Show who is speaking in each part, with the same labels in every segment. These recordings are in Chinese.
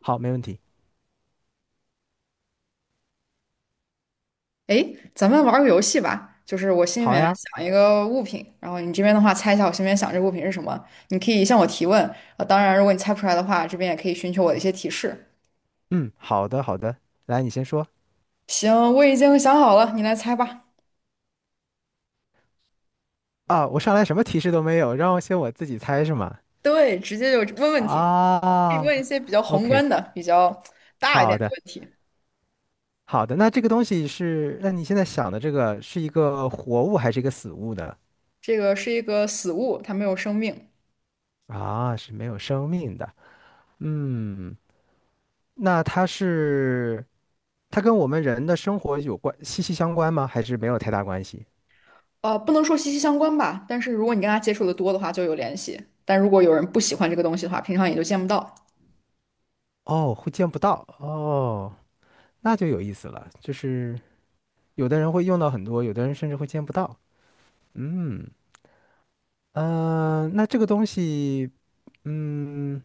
Speaker 1: 好，没问题。
Speaker 2: 诶，咱们玩儿个游戏吧，就是我心里
Speaker 1: 好
Speaker 2: 面
Speaker 1: 呀，
Speaker 2: 想一个物品，然后你这边的话猜一下我心里面想这个物品是什么，你可以向我提问，当然如果你猜不出来的话，这边也可以寻求我的一些提示。
Speaker 1: 嗯，好的，好的。来，你先说。
Speaker 2: 行，我已经想好了，你来猜吧。
Speaker 1: 啊，我上来什么提示都没有，让我自己猜是吗？
Speaker 2: 对，直接就问问题，可以
Speaker 1: 啊
Speaker 2: 问一些比较宏
Speaker 1: ，OK，
Speaker 2: 观的、比较大一点
Speaker 1: 好
Speaker 2: 的
Speaker 1: 的，
Speaker 2: 问题。
Speaker 1: 好的。那这个东西是，那你现在想的这个是一个活物还是一个死物呢？
Speaker 2: 这个是一个死物，它没有生命，
Speaker 1: 啊，是没有生命的。嗯，那它是，它跟我们人的生活有关，息息相关吗？还是没有太大关系？
Speaker 2: 不能说息息相关吧，但是如果你跟它接触的多的话，就有联系；但如果有人不喜欢这个东西的话，平常也就见不到。
Speaker 1: 哦，会见不到哦，那就有意思了，就是。有的人会用到很多，有的人甚至会见不到。嗯，那这个东西，嗯，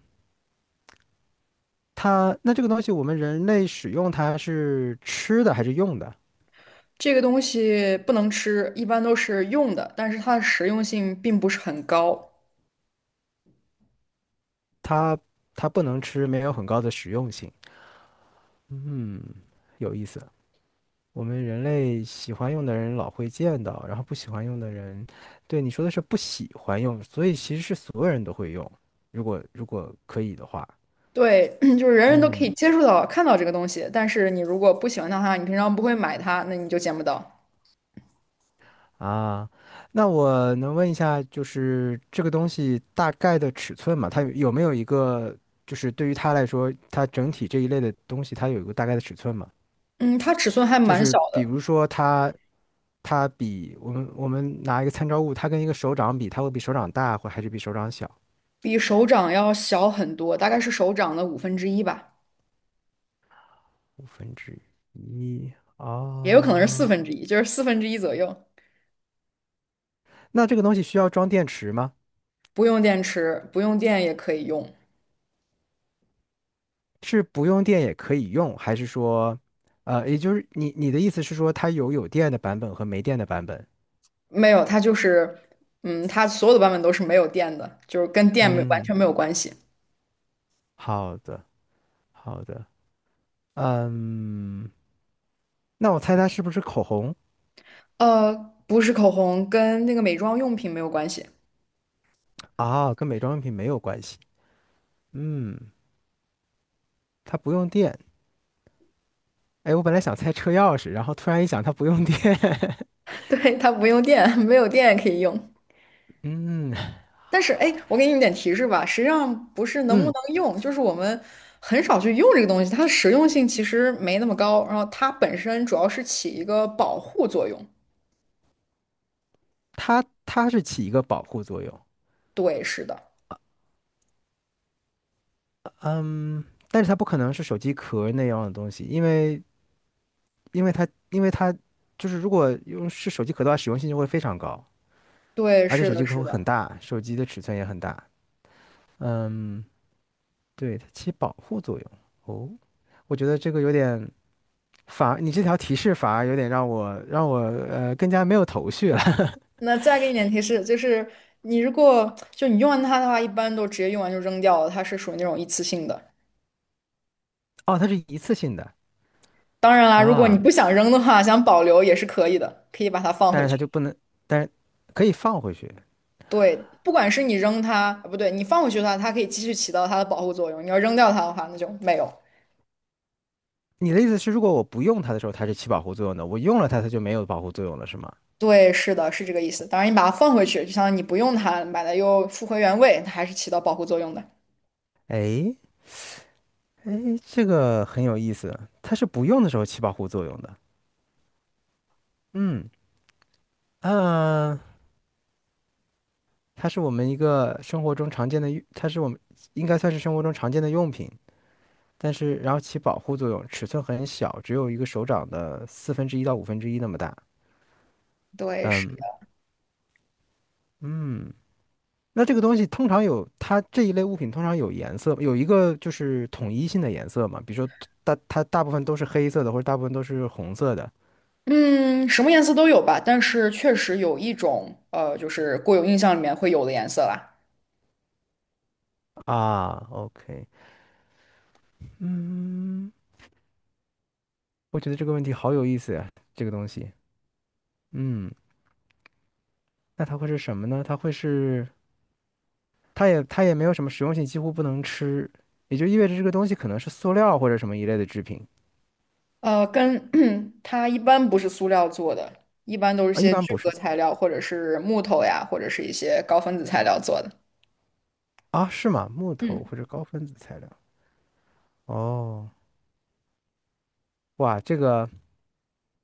Speaker 1: 它那这个东西，我们人类使用它是吃的还是用的？
Speaker 2: 这个东西不能吃，一般都是用的，但是它的实用性并不是很高。
Speaker 1: 它它不能吃，没有很高的实用性。嗯，有意思。我们人类喜欢用的人老会见到，然后不喜欢用的人，对你说的是不喜欢用，所以其实是所有人都会用，如果可以的话。
Speaker 2: 对，就是人人都可以
Speaker 1: 嗯。
Speaker 2: 接触到、看到这个东西，但是你如果不喜欢它的话，你平常不会买它，那你就见不到。
Speaker 1: 啊，那我能问一下，就是这个东西大概的尺寸嘛？它有没有一个，就是对于它来说，它整体这一类的东西，它有一个大概的尺寸嘛？
Speaker 2: 嗯，它尺寸还
Speaker 1: 就
Speaker 2: 蛮小
Speaker 1: 是比
Speaker 2: 的，
Speaker 1: 如说它，它比我们拿一个参照物，它跟一个手掌比，它会比手掌大，或还是比手掌小？
Speaker 2: 比手掌要小很多，大概是手掌的五分之一吧，
Speaker 1: 五分之一
Speaker 2: 也有可能是四
Speaker 1: 啊？
Speaker 2: 分之一，就是四分之一左右。
Speaker 1: 那这个东西需要装电池吗？
Speaker 2: 不用电池，不用电也可以用。
Speaker 1: 是不用电也可以用，还是说，也就是你的意思是说，它有电的版本和没电的版本？
Speaker 2: 没有，它就是，嗯，它所有的版本都是没有电的，就是跟电没完
Speaker 1: 嗯，
Speaker 2: 全没有关系。
Speaker 1: 好的，好的，嗯，那我猜它是不是口红。
Speaker 2: 呃，不是口红，跟那个美妆用品没有关系。
Speaker 1: 啊？跟美妆用品没有关系。嗯，它不用电。哎，我本来想猜车钥匙，然后突然一想，它不用电。
Speaker 2: 对，它不用电，没有电也可以用。
Speaker 1: 嗯
Speaker 2: 但是，哎，我给你一点提示吧，实际上不是能不能
Speaker 1: 嗯，
Speaker 2: 用，就是我们很少去用这个东西，它的实用性其实没那么高。然后它本身主要是起一个保护作用。
Speaker 1: 它是起一个保护作用。
Speaker 2: 对，是的，
Speaker 1: 嗯，但是它不可能是手机壳那样的东西，因为因为它就是如果用是手机壳的话，使用性就会非常高，
Speaker 2: 对，
Speaker 1: 而且
Speaker 2: 是
Speaker 1: 手
Speaker 2: 的，
Speaker 1: 机壳
Speaker 2: 是
Speaker 1: 会很
Speaker 2: 的。
Speaker 1: 大，手机的尺寸也很大。嗯。对，它起保护作用。哦，我觉得这个有点反而，你这条提示反而有点让我更加没有头绪了。
Speaker 2: 那再给你点提示，就是你如果就你用完它的话，一般都直接用完就扔掉了，它是属于那种一次性的。
Speaker 1: 哦，它是一次性的
Speaker 2: 当然啦，如果你
Speaker 1: 啊，
Speaker 2: 不想扔的话，想保留也是可以的，可以把它放
Speaker 1: 但
Speaker 2: 回
Speaker 1: 是
Speaker 2: 去。
Speaker 1: 它就不能，但是可以放回去。
Speaker 2: 对，不管是你扔它，啊不对，你放回去的话，它可以继续起到它的保护作用。你要扔掉它的话，那就没有。
Speaker 1: 你的意思是，如果我不用它的时候，它是起保护作用的；我用了它，它就没有保护作用了，是吗？
Speaker 2: 对，是的，是这个意思。当然，你把它放回去，就相当于你不用它，把它又复回原位，它还是起到保护作用的。
Speaker 1: 哎哎，这个很有意思，它是不用的时候起保护作用的。嗯，呃，它是我们一个生活中常见的用，它是我们应该算是生活中常见的用品。但是然后起保护作用，尺寸很小，只有一个手掌的四分之一到五分之一那么大。
Speaker 2: 对，是
Speaker 1: 嗯
Speaker 2: 的。
Speaker 1: 嗯，那这个东西通常有它这一类物品通常有颜色，有一个就是统一性的颜色嘛，比如说它大部分都是黑色的，或者大部分都是红色的
Speaker 2: 嗯，什么颜色都有吧，但是确实有一种，就是固有印象里面会有的颜色啦。
Speaker 1: 啊。OK，嗯，我觉得这个问题好有意思呀，这个东西。嗯，那它会是什么呢？它会是它也没有什么实用性，几乎不能吃，也就意味着这个东西可能是塑料或者什么一类的制品。
Speaker 2: 呃，跟 它一般不是塑料做的，一般都是
Speaker 1: 啊，一
Speaker 2: 些
Speaker 1: 般
Speaker 2: 聚
Speaker 1: 不
Speaker 2: 合
Speaker 1: 是
Speaker 2: 材料，或者是木头呀，或者是一些高分子材料做的。
Speaker 1: 啊，是吗？木头
Speaker 2: 嗯。
Speaker 1: 或者高分子材料。哦，哇，这个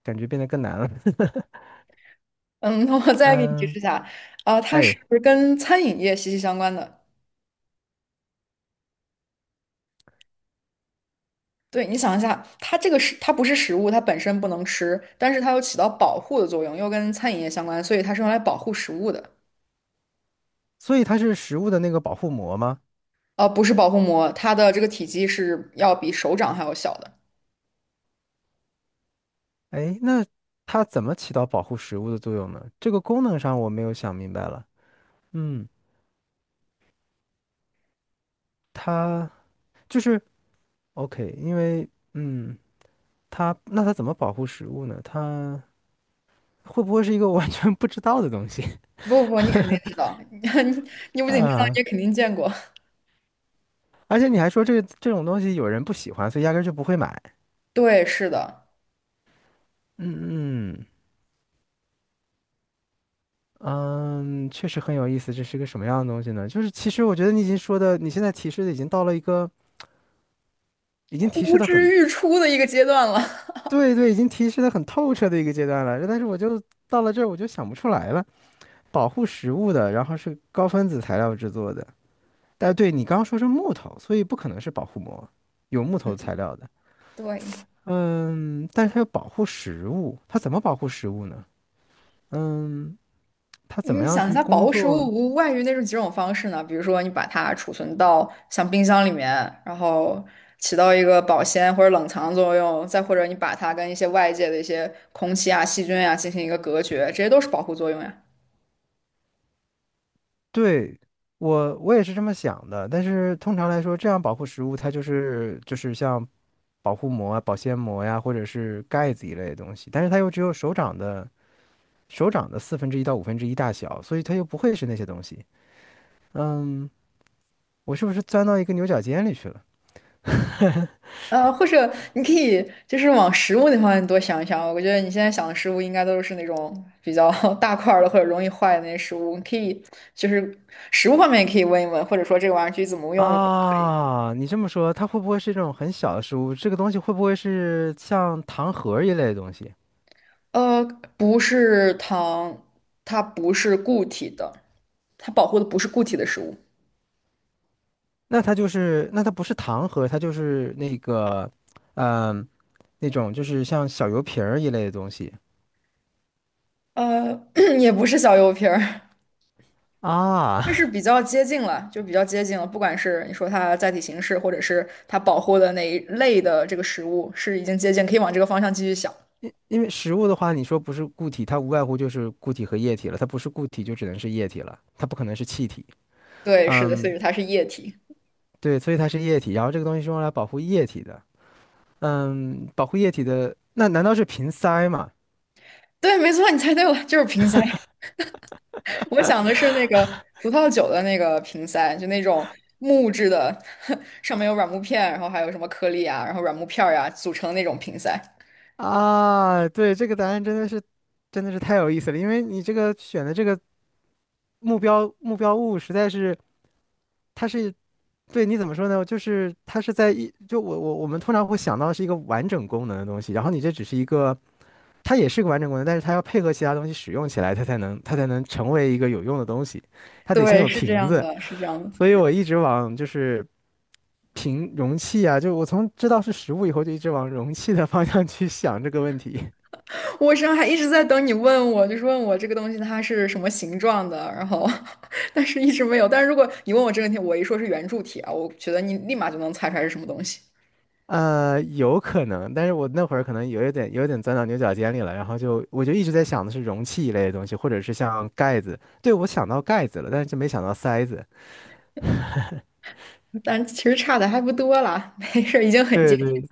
Speaker 1: 感觉变得更难了。
Speaker 2: 嗯，那我再给你提
Speaker 1: 嗯，
Speaker 2: 示一下，啊，它是
Speaker 1: 哎，
Speaker 2: 跟餐饮业息息相关的。对，你想一下，它这个是它不是食物，它本身不能吃，但是它又起到保护的作用，又跟餐饮业相关，所以它是用来保护食物的。
Speaker 1: 所以它是食物的那个保护膜吗？
Speaker 2: 不是保护膜，它的这个体积是要比手掌还要小的。
Speaker 1: 哎，那它怎么起到保护食物的作用呢？这个功能上我没有想明白了。嗯，它就是 OK，因为嗯，它那它怎么保护食物呢？它会不会是一个 我完全不知道的东西。
Speaker 2: 不不不，你肯定知 道，你不仅知道，你
Speaker 1: 啊？
Speaker 2: 也肯定见过。
Speaker 1: 而且你还说这种东西有人不喜欢，所以压根儿就不会买。
Speaker 2: 对，是的，
Speaker 1: 嗯嗯嗯，确实很有意思。这是个什么样的东西呢？就是其实我觉得你已经说的，你现在提示的已经到了一个已经提示
Speaker 2: 呼
Speaker 1: 的
Speaker 2: 之
Speaker 1: 很
Speaker 2: 欲出的一个阶段了。
Speaker 1: 对对，已经提示的很透彻的一个阶段了。但是我就到了这儿，我就想不出来了。保护食物的，然后是高分子材料制作的。但对你刚刚说是木头，所以不可能是保护膜，有木头材料的。
Speaker 2: 对，
Speaker 1: 嗯，但是它要保护食物，它怎么保护食物呢？嗯，它怎么
Speaker 2: 你
Speaker 1: 样
Speaker 2: 想一
Speaker 1: 去
Speaker 2: 下，保
Speaker 1: 工
Speaker 2: 护食物
Speaker 1: 作？
Speaker 2: 无外于那种几种方式呢？比如说，你把它储存到像冰箱里面，然后起到一个保鲜或者冷藏作用；再或者你把它跟一些外界的一些空气啊、细菌啊进行一个隔绝，这些都是保护作用呀。
Speaker 1: 对，我也是这么想的，但是通常来说，这样保护食物它就是像保护膜啊、保鲜膜呀，或者是盖子一类的东西，但是它又只有手掌的四分之一到五分之一大小，所以它又不会是那些东西。嗯，我是不是钻到一个牛角尖里去了？
Speaker 2: 或者你可以就是往食物那方面多想一想。我觉得你现在想的食物应该都是那种比较 大块儿的或者容易坏的那些食物。你可以就是食物方面也可以问一问，或者说这个玩意儿具体怎么用。
Speaker 1: 啊，你这么说，它会不会是这种很小的食物？这个东西会不会是像糖盒儿一类的东西？
Speaker 2: 呃，不是糖，它不是固体的，它保护的不是固体的食物，
Speaker 1: 那它就是，那它不是糖盒，它就是那个，嗯、那种就是像小油瓶儿一类的东西。
Speaker 2: 呃，也不是小油瓶儿，就
Speaker 1: 啊，
Speaker 2: 是比较接近了，就比较接近了。不管是你说它载体形式，或者是它保护的哪一类的这个食物，是已经接近，可以往这个方向继续想。
Speaker 1: 因因为食物的话，你说不是固体，它无外乎就是固体和液体了。它不是固体，就只能是液体了，它不可能是气体。
Speaker 2: 对，是的，所
Speaker 1: 嗯，
Speaker 2: 以它是液体。
Speaker 1: 对，所以它是液体。然后这个东西是用来保护液体的。嗯，保护液体的，那难道是瓶塞吗？
Speaker 2: 对，没错，你猜对了，就是瓶塞。我想的是那个葡萄酒的那个瓶塞，就那种木质的，上面有软木片，然后还有什么颗粒啊，然后软木片儿呀、组成的那种瓶塞。
Speaker 1: 啊，对，这个答案真的是，真的是太有意思了。因为你这个选的这个目标物实在是，它是对，你怎么说呢？就是它是在一，就我们通常会想到是一个完整功能的东西，然后你这只是一个，它也是个完整功能，但是它要配合其他东西使用起来，它才能成为一个有用的东西，它得先
Speaker 2: 对，
Speaker 1: 有
Speaker 2: 是这
Speaker 1: 瓶
Speaker 2: 样
Speaker 1: 子，
Speaker 2: 的，是这样
Speaker 1: 所以
Speaker 2: 的。
Speaker 1: 我一直往就是瓶容器啊，就我从知道是食物以后，就一直往容器的方向去想这个问题。
Speaker 2: 我身上还一直在等你问我，就是问我这个东西它是什么形状的，然后 但是一直没有。但是如果你问我这个问题，我一说是圆柱体啊，我觉得你立马就能猜出来是什么东西。
Speaker 1: 呃，有可能，但是我那会儿可能有一点有点钻到牛角尖里了，然后我就一直在想的是容器一类的东西，或者是像盖子。对，我想到盖子了，但是就没想到塞子。
Speaker 2: 但其实差的还不多啦，没事儿，已经很接
Speaker 1: 对
Speaker 2: 近。
Speaker 1: 对，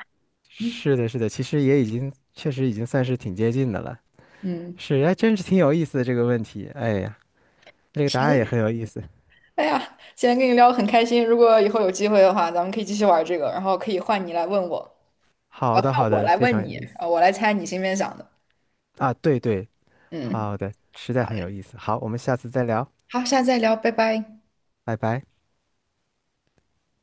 Speaker 2: 嗯，
Speaker 1: 是的，是的，其实也已经确实已经算是挺接近的了。
Speaker 2: 嗯
Speaker 1: 是，还真是挺有意思的这个问题。哎呀，这个答案
Speaker 2: 行，
Speaker 1: 也很有意思。
Speaker 2: 哎呀，今天跟你聊的很开心，如果以后有机会的话，咱们可以继续玩这个，然后可以换你来问我，
Speaker 1: 好
Speaker 2: 换
Speaker 1: 的，好
Speaker 2: 我
Speaker 1: 的，
Speaker 2: 来
Speaker 1: 非常
Speaker 2: 问
Speaker 1: 有
Speaker 2: 你，
Speaker 1: 意思
Speaker 2: 我来猜你心里面想的。
Speaker 1: 啊。对对，
Speaker 2: 嗯，
Speaker 1: 好的，实在
Speaker 2: 好
Speaker 1: 很有
Speaker 2: 嘞，
Speaker 1: 意思。好，我们下次再聊，
Speaker 2: 好，下次再聊，拜拜。
Speaker 1: 拜拜。